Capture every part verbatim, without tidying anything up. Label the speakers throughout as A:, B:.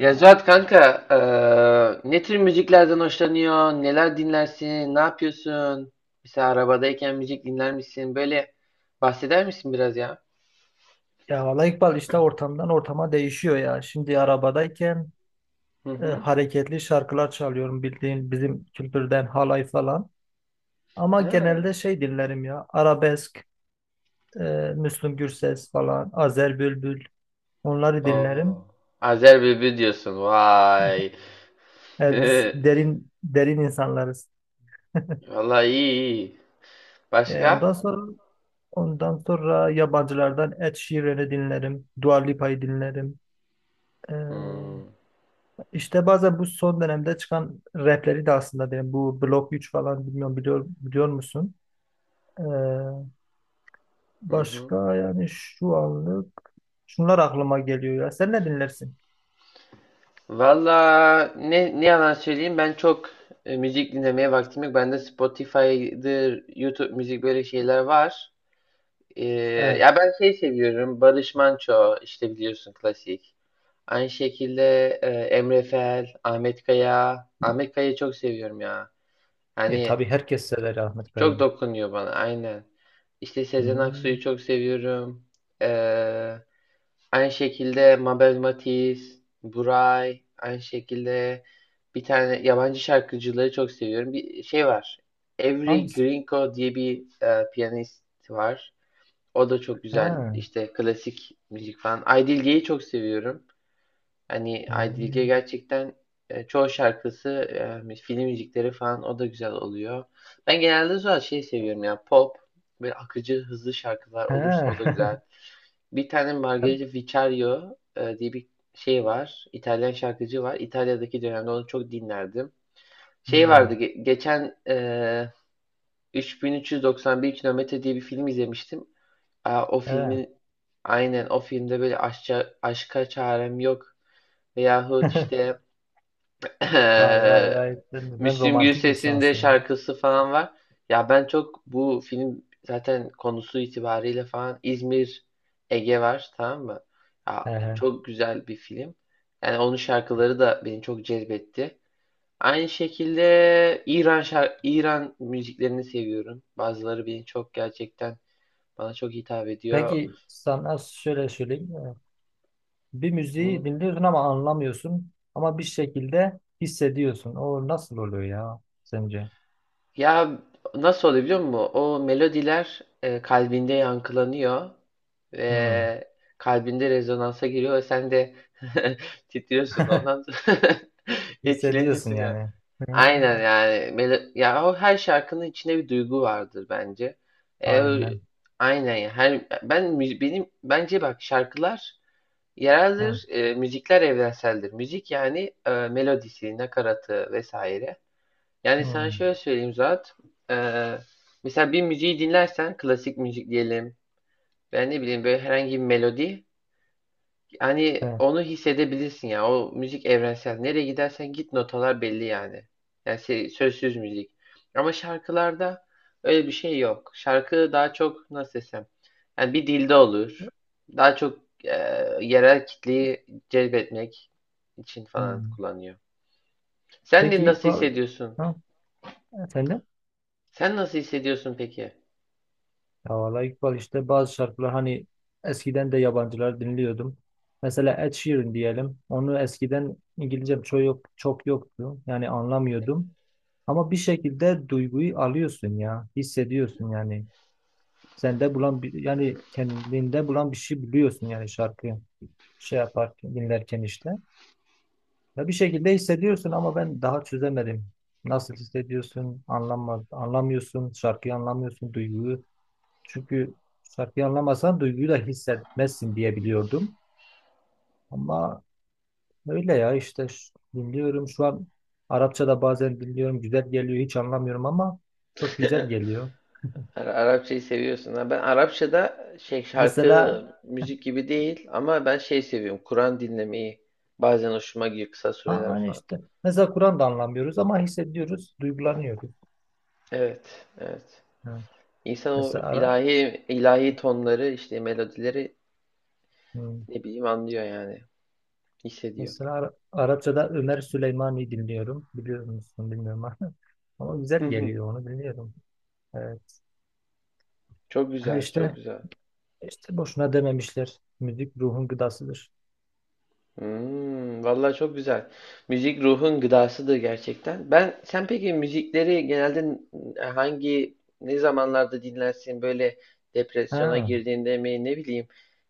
A: Ya Zuhat kanka, eee, ne tür müziklerden hoşlanıyor? Neler dinlersin? Ne yapıyorsun? Mesela arabadayken müzik dinler misin? Böyle bahseder misin biraz ya?
B: Ya valla İkbal işte ortamdan ortama değişiyor ya. Şimdi arabadayken
A: Hı
B: e,
A: hı.
B: hareketli şarkılar çalıyorum bildiğin bizim kültürden halay falan. Ama
A: He.
B: genelde şey dinlerim ya arabesk, e, Müslüm Gürses falan, Azer Bülbül onları dinlerim.
A: Oo. Azer Bülbül diyorsun. Vay.
B: E, biz derin derin insanlarız.
A: Vallahi iyi, iyi.
B: E, ondan
A: Başka?
B: sonra ondan sonra yabancılardan Ed Sheeran'ı dinlerim, Dua Lipa'yı dinlerim. E,
A: Hmm.
B: İşte bazen bu son dönemde çıkan rapleri de aslında benim bu Blok üç falan bilmiyorum biliyor, biliyor musun? Ee,
A: Hı hı.
B: başka yani şu anlık şunlar aklıma geliyor ya. Sen ne dinlersin?
A: Valla ne, ne yalan söyleyeyim ben çok e, müzik dinlemeye vaktim yok. Bende Spotify'dır, YouTube müzik böyle şeyler var. Ee,
B: Evet.
A: ya ben şey seviyorum. Barış Manço işte biliyorsun klasik. Aynı şekilde e, Emre Fel, Ahmet Kaya. Ahmet Kaya'yı çok seviyorum ya.
B: E
A: Hani
B: tabii herkes sever Ahmet
A: çok
B: Kaya'yı.
A: dokunuyor bana aynen. İşte Sezen Aksu'yu
B: Hmm.
A: çok seviyorum. Ee, aynı şekilde Mabel Matiz, Buray. Aynı şekilde bir tane yabancı şarkıcıları çok seviyorum. Bir şey var. Avery
B: Hangisi?
A: Grinko diye bir e, piyanist var. O da çok güzel.
B: Ha.
A: İşte klasik müzik falan. Aydilge'yi çok seviyorum. Hani Aydilge
B: Hmm.
A: gerçekten e, çoğu şarkısı e, film müzikleri falan o da güzel oluyor. Ben genelde zaten şey seviyorum ya pop böyle akıcı hızlı şarkılar
B: Ha.
A: olursa o da güzel. Bir tane Margherita Vicario e, diye bir şey var. İtalyan şarkıcı var. İtalya'daki dönemde onu çok dinlerdim. Şey
B: Hmm.
A: vardı ge- geçen e, üç bin üç yüz doksan bir kilometre diye bir film izlemiştim. Aa, o
B: Ha.
A: filmin aynen o filmde böyle aşça, aşka çarem yok veyahut işte
B: Vay vay vay. Sen, sen
A: Müslüm
B: romantik
A: Gürses'in de
B: insansın ya.
A: şarkısı falan var. Ya ben çok bu film zaten konusu itibariyle falan İzmir Ege var tamam mı?
B: He
A: Ya
B: he.
A: çok güzel bir film. Yani onun şarkıları da beni çok cezbetti. Aynı şekilde İran şar- İran müziklerini seviyorum. Bazıları beni çok gerçekten bana çok hitap ediyor.
B: Peki sana şöyle söyleyeyim. Bir müziği
A: Hı.
B: dinliyorsun ama anlamıyorsun. Ama bir şekilde hissediyorsun. O nasıl oluyor ya sence?
A: Ya nasıl oluyor biliyor musun? O melodiler e, kalbinde yankılanıyor
B: Hmm.
A: ve kalbinde rezonansa giriyor ve sen de titriyorsun ondan etkileniyorsun
B: Hissediyorsun
A: yani.
B: yani.
A: Aynen
B: Hmm.
A: yani melo- ya o her şarkının içinde bir duygu vardır bence. E, o-
B: Aynen.
A: aynen ya. Her ben mü- benim bence bak şarkılar
B: Hmm.
A: yereldir, e, müzikler evrenseldir. Müzik yani e, melodisi, nakaratı vesaire. Yani sana
B: Hmm.
A: şöyle söyleyeyim Zuhat. E, mesela bir müziği dinlersen klasik müzik diyelim. Ben ne bileyim böyle herhangi bir melodi yani
B: Evet.
A: onu hissedebilirsin ya. O müzik evrensel. Nereye gidersen git notalar belli yani. Yani se- sözsüz müzik. Ama şarkılarda öyle bir şey yok. Şarkı daha çok nasıl desem. Yani bir dilde olur. Daha çok e, yerel kitleyi celbetmek için falan
B: Hmm.
A: kullanıyor. Sen de
B: Peki
A: nasıl
B: İkbal,
A: hissediyorsun?
B: ha? Efendim?
A: Sen nasıl hissediyorsun peki?
B: Ya vallahi İkbal işte bazı şarkılar hani eskiden de yabancılar dinliyordum. Mesela Ed Sheeran diyelim. Onu eskiden İngilizcem çok yok, çok yoktu. Yani anlamıyordum. Ama bir şekilde duyguyu alıyorsun ya. Hissediyorsun yani. Sende bulan bir, yani kendinde bulan bir şey biliyorsun yani şarkıyı şey yaparken dinlerken işte. Ya bir şekilde hissediyorsun ama ben daha çözemedim. Nasıl hissediyorsun? Anlamaz, anlamıyorsun. Şarkıyı anlamıyorsun, duyguyu. Çünkü şarkıyı anlamasan duyguyu da hissetmezsin diye biliyordum. Ama öyle ya işte ş- dinliyorum şu an Arapça da bazen dinliyorum. Güzel geliyor. Hiç anlamıyorum ama çok güzel geliyor.
A: Ara- Arapçayı seviyorsun. Ha, ben Arapçada şey şarkı
B: Mesela
A: müzik gibi değil ama ben şey seviyorum. Kur'an dinlemeyi bazen hoşuma gidiyor kısa
B: Ha,
A: süreler
B: aynı
A: falan.
B: işte. Mesela Kur'an da anlamıyoruz ama hissediyoruz, duygulanıyoruz.
A: Evet, evet.
B: Ha.
A: İnsan o
B: Mesela Ara,
A: ilahi ilahi tonları işte melodileri
B: hmm.
A: ne bileyim anlıyor yani, hissediyor.
B: Mesela Ara- Arapçada Ömer Süleymani dinliyorum. Biliyor musun bilmiyorum ama. Ama güzel
A: Hı hı.
B: geliyor onu biliyorum. Evet.
A: Çok
B: Ha
A: güzel, çok
B: işte
A: güzel.
B: işte boşuna dememişler. Müzik ruhun gıdasıdır.
A: Hmm, vallahi çok güzel. Müzik ruhun gıdasıdır gerçekten. Ben sen peki müzikleri genelde hangi ne zamanlarda dinlersin? Böyle depresyona
B: Ha,
A: girdiğinde mi ne bileyim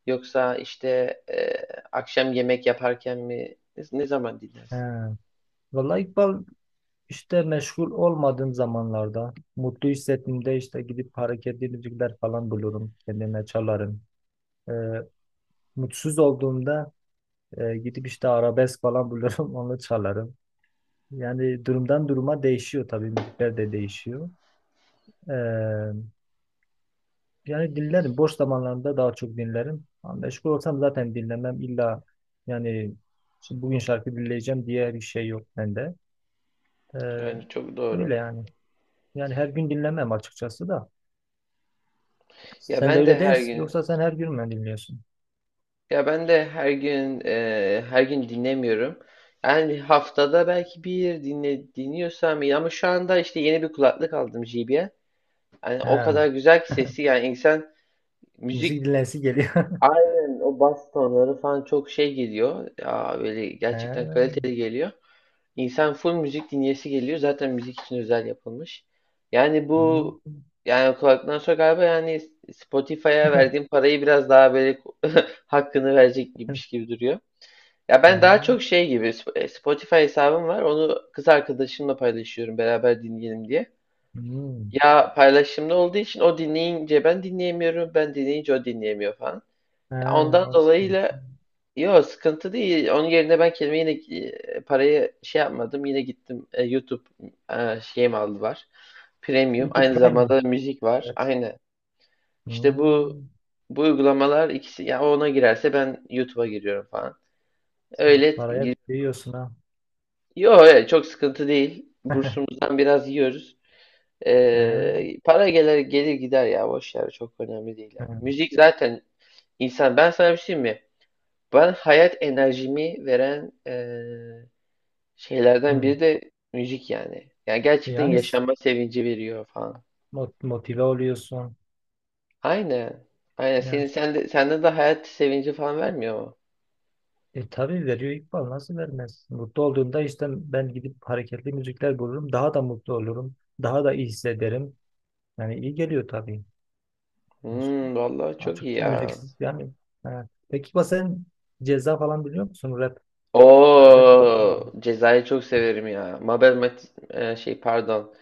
A: yoksa işte e, akşam yemek yaparken mi ne, ne zaman dinlersin?
B: ha. Vallahi İkbal işte meşgul olmadığım zamanlarda mutlu hissettiğimde işte gidip hareketli müzikler falan bulurum. Kendime çalarım. Ee, mutsuz olduğumda E, gidip işte arabesk falan bulurum onu çalarım. Yani durumdan duruma değişiyor tabii müzikler de değişiyor. E, yani dinlerim boş zamanlarında daha çok dinlerim. Ama meşgul olsam zaten dinlemem illa yani şimdi bugün şarkı dinleyeceğim diye bir şey yok bende. E,
A: Yani çok doğru.
B: öyle yani. Yani her gün dinlemem açıkçası da.
A: Ya
B: Sen de
A: ben de
B: öyle değil
A: her gün
B: yoksa sen her gün mü dinliyorsun?
A: ya ben de her gün e, her gün dinlemiyorum. Yani haftada belki bir dinle dinliyorsam iyi ama şu anda işte yeni bir kulaklık aldım J B L. Yani o
B: He,
A: kadar güzel ki sesi yani insan
B: müzik
A: müzik
B: dinlensi geliyor.
A: aynen o bas tonları falan çok şey geliyor. Ya böyle gerçekten
B: He,
A: kaliteli geliyor. İnsan full müzik dinleyesi geliyor. Zaten müzik için özel yapılmış. Yani bu
B: hmm,
A: yani kulaktan sonra galiba yani Spotify'a verdiğim parayı biraz daha böyle hakkını verecek gibiymiş gibi duruyor. Ya ben daha
B: he,
A: çok şey gibi Sp- Spotify hesabım var. Onu kız arkadaşımla paylaşıyorum beraber dinleyelim diye.
B: hmm.
A: Ya paylaşımlı olduğu için o dinleyince ben dinleyemiyorum, ben dinleyince o dinleyemiyor falan. Ya
B: Ha,
A: ondan
B: o sıkıntı.
A: dolayıyla yok, sıkıntı değil. Onun yerine ben kendime yine e, parayı şey yapmadım. Yine gittim e, YouTube e, şeyim aldı var. Premium.
B: YouTube
A: Aynı
B: Prime mı?
A: zamanda da müzik var.
B: Evet.
A: Aynı. İşte bu
B: Hmm.
A: bu uygulamalar ikisi ya ona girerse ben YouTube'a giriyorum falan.
B: Sen
A: Öyle
B: paraya
A: gir-
B: kıyıyorsun ha.
A: Yok, evet, çok sıkıntı değil. Bursumuzdan biraz yiyoruz.
B: Ha,
A: Ee, para gelir gelir gider ya boş ver çok önemli değil ya.
B: ha.
A: Müzik zaten insan ben sana bir şey diyeyim mi? Ben hayat enerjimi veren ee, şeylerden
B: Hmm.
A: biri de müzik yani. Yani gerçekten
B: Yani s-
A: yaşama sevinci veriyor falan.
B: mot- motive oluyorsun.
A: Aynen. Aynen senin
B: Yani,
A: sende sende de hayat sevinci falan vermiyor mu?
B: e tabii veriyor İkbal nasıl vermez? Mutlu olduğunda işte ben gidip hareketli müzikler bulurum. Daha da mutlu olurum. Daha da iyi hissederim. Yani iyi geliyor tabii.
A: Hmm, vallahi çok iyi
B: Açıkçası
A: ya.
B: müziksiz yani. Ha. Peki İkbal sen Ceza falan biliyor musun? Rap herhalde
A: O
B: biliyorsun.
A: Ceza'yı çok severim ya. Mabel Mat e, şey pardon.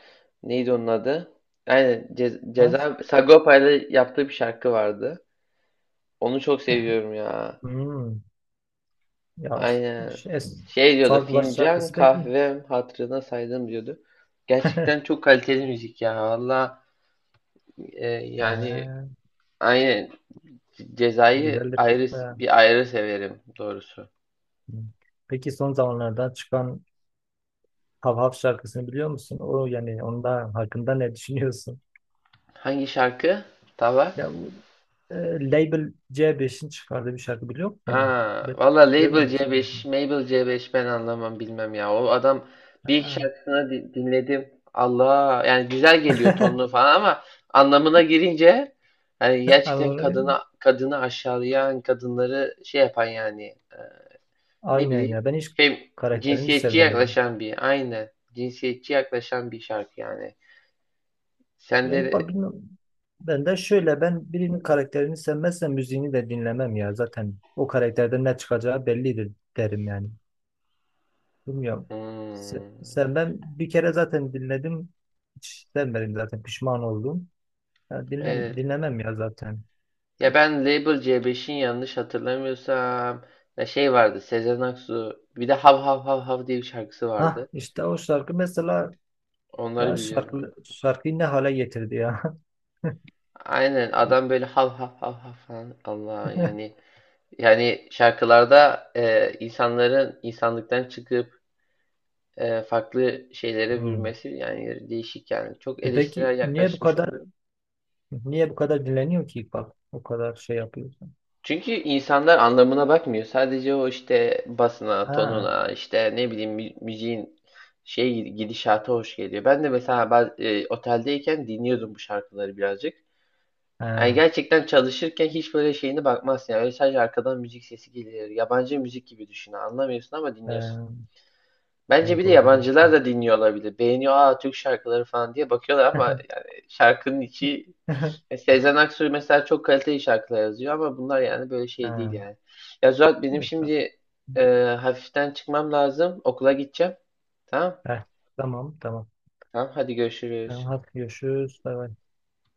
A: Neydi onun adı? Yani Ce
B: Hangisi?
A: Ceza Sagopa ile yaptığı bir şarkı vardı. Onu çok seviyorum ya.
B: Hmm. Ya
A: Aynen.
B: ş- es
A: Şey diyordu.
B: Fark Var
A: Fincan
B: şarkısı peki.
A: kahvem hatırına saydım diyordu. Gerçekten çok kaliteli müzik ya. Valla e, yani
B: Ee,
A: aynen Ceza'yı
B: güzeldir. De.
A: ayrı
B: Ha.
A: bir ayrı severim doğrusu.
B: Peki son zamanlarda çıkan Hav Hav şarkısını biliyor musun? O yani onda hakkında ne düşünüyorsun?
A: Hangi şarkı? Tabak.
B: Ya bu e, Label C beşin çıkardığı bir şarkı biliyor musun?
A: Ha,
B: Ben
A: valla Label
B: görmemişsin.
A: C beş, Mabel C beş ben anlamam bilmem ya. O adam bir iki
B: Ha.
A: şarkısını di- dinledim. Allah yani güzel geliyor tonlu falan ama anlamına girince yani gerçekten
B: Anladım.
A: kadına kadını aşağılayan, kadınları şey yapan yani e, ne
B: Aynen
A: bileyim
B: ya. Ben hiç
A: fem,
B: karakterini
A: cinsiyetçi
B: sevmiyorum.
A: yaklaşan bir aynı cinsiyetçi yaklaşan bir şarkı yani. Sen
B: Ya İkbal
A: de?
B: bilmem. Ben de şöyle ben birinin karakterini sevmezsem müziğini de dinlemem ya. Zaten o karakterden ne çıkacağı bellidir derim yani. Bilmiyorum. Se-
A: Hmm,
B: Sevmem. Bir kere zaten dinledim. Hiç sevmedim zaten. Pişman oldum. Ya dinlem
A: evet.
B: dinlemem ya zaten.
A: Ya
B: Çok.
A: ben Label C beşin yanlış hatırlamıyorsam ya şey vardı Sezen Aksu bir de Hav Hav Hav Hav diye bir şarkısı
B: Hah
A: vardı.
B: işte o şarkı mesela
A: Onları
B: ya
A: biliyorum.
B: şarkı, şarkıyı ne hale getirdi ya.
A: Aynen adam böyle hav hav hav hav falan Allah yani yani şarkılarda e, insanların insanlıktan çıkıp e, farklı şeylere
B: Hmm.
A: bürümesi yani değişik yani çok
B: E peki
A: eleştirel
B: niye bu
A: yaklaşmış.
B: kadar niye bu kadar dinleniyor ki İkbal? O kadar şey yapıyorsun.
A: Çünkü insanlar anlamına bakmıyor. Sadece o işte basına,
B: Ha,
A: tonuna, işte ne bileyim mü- müziğin şey gidişata hoş geliyor. Ben de mesela baz- e, oteldeyken dinliyordum bu şarkıları birazcık. Yani
B: ha.
A: gerçekten çalışırken hiç böyle şeyine bakmazsın. Yani öyle sadece arkadan müzik sesi geliyor. Yabancı müzik gibi düşün. Anlamıyorsun ama dinliyorsun.
B: Ee,
A: Bence
B: e,
A: bir de
B: doğrudur
A: yabancılar
B: efendim.
A: da dinliyor olabilir. Beğeniyor aa Türk şarkıları falan diye bakıyorlar ama yani şarkının içi. E, Sezen Aksu mesela çok kaliteli şarkılar yazıyor ama bunlar yani böyle şey değil
B: Ha,
A: yani. Ya Zuhat benim
B: efendim.
A: şimdi e, hafiften çıkmam lazım. Okula gideceğim. Tamam.
B: Heh, tamam tamam.
A: Tamam, hadi
B: Tamam,
A: görüşürüz.
B: hadi görüşürüz. Bay bay.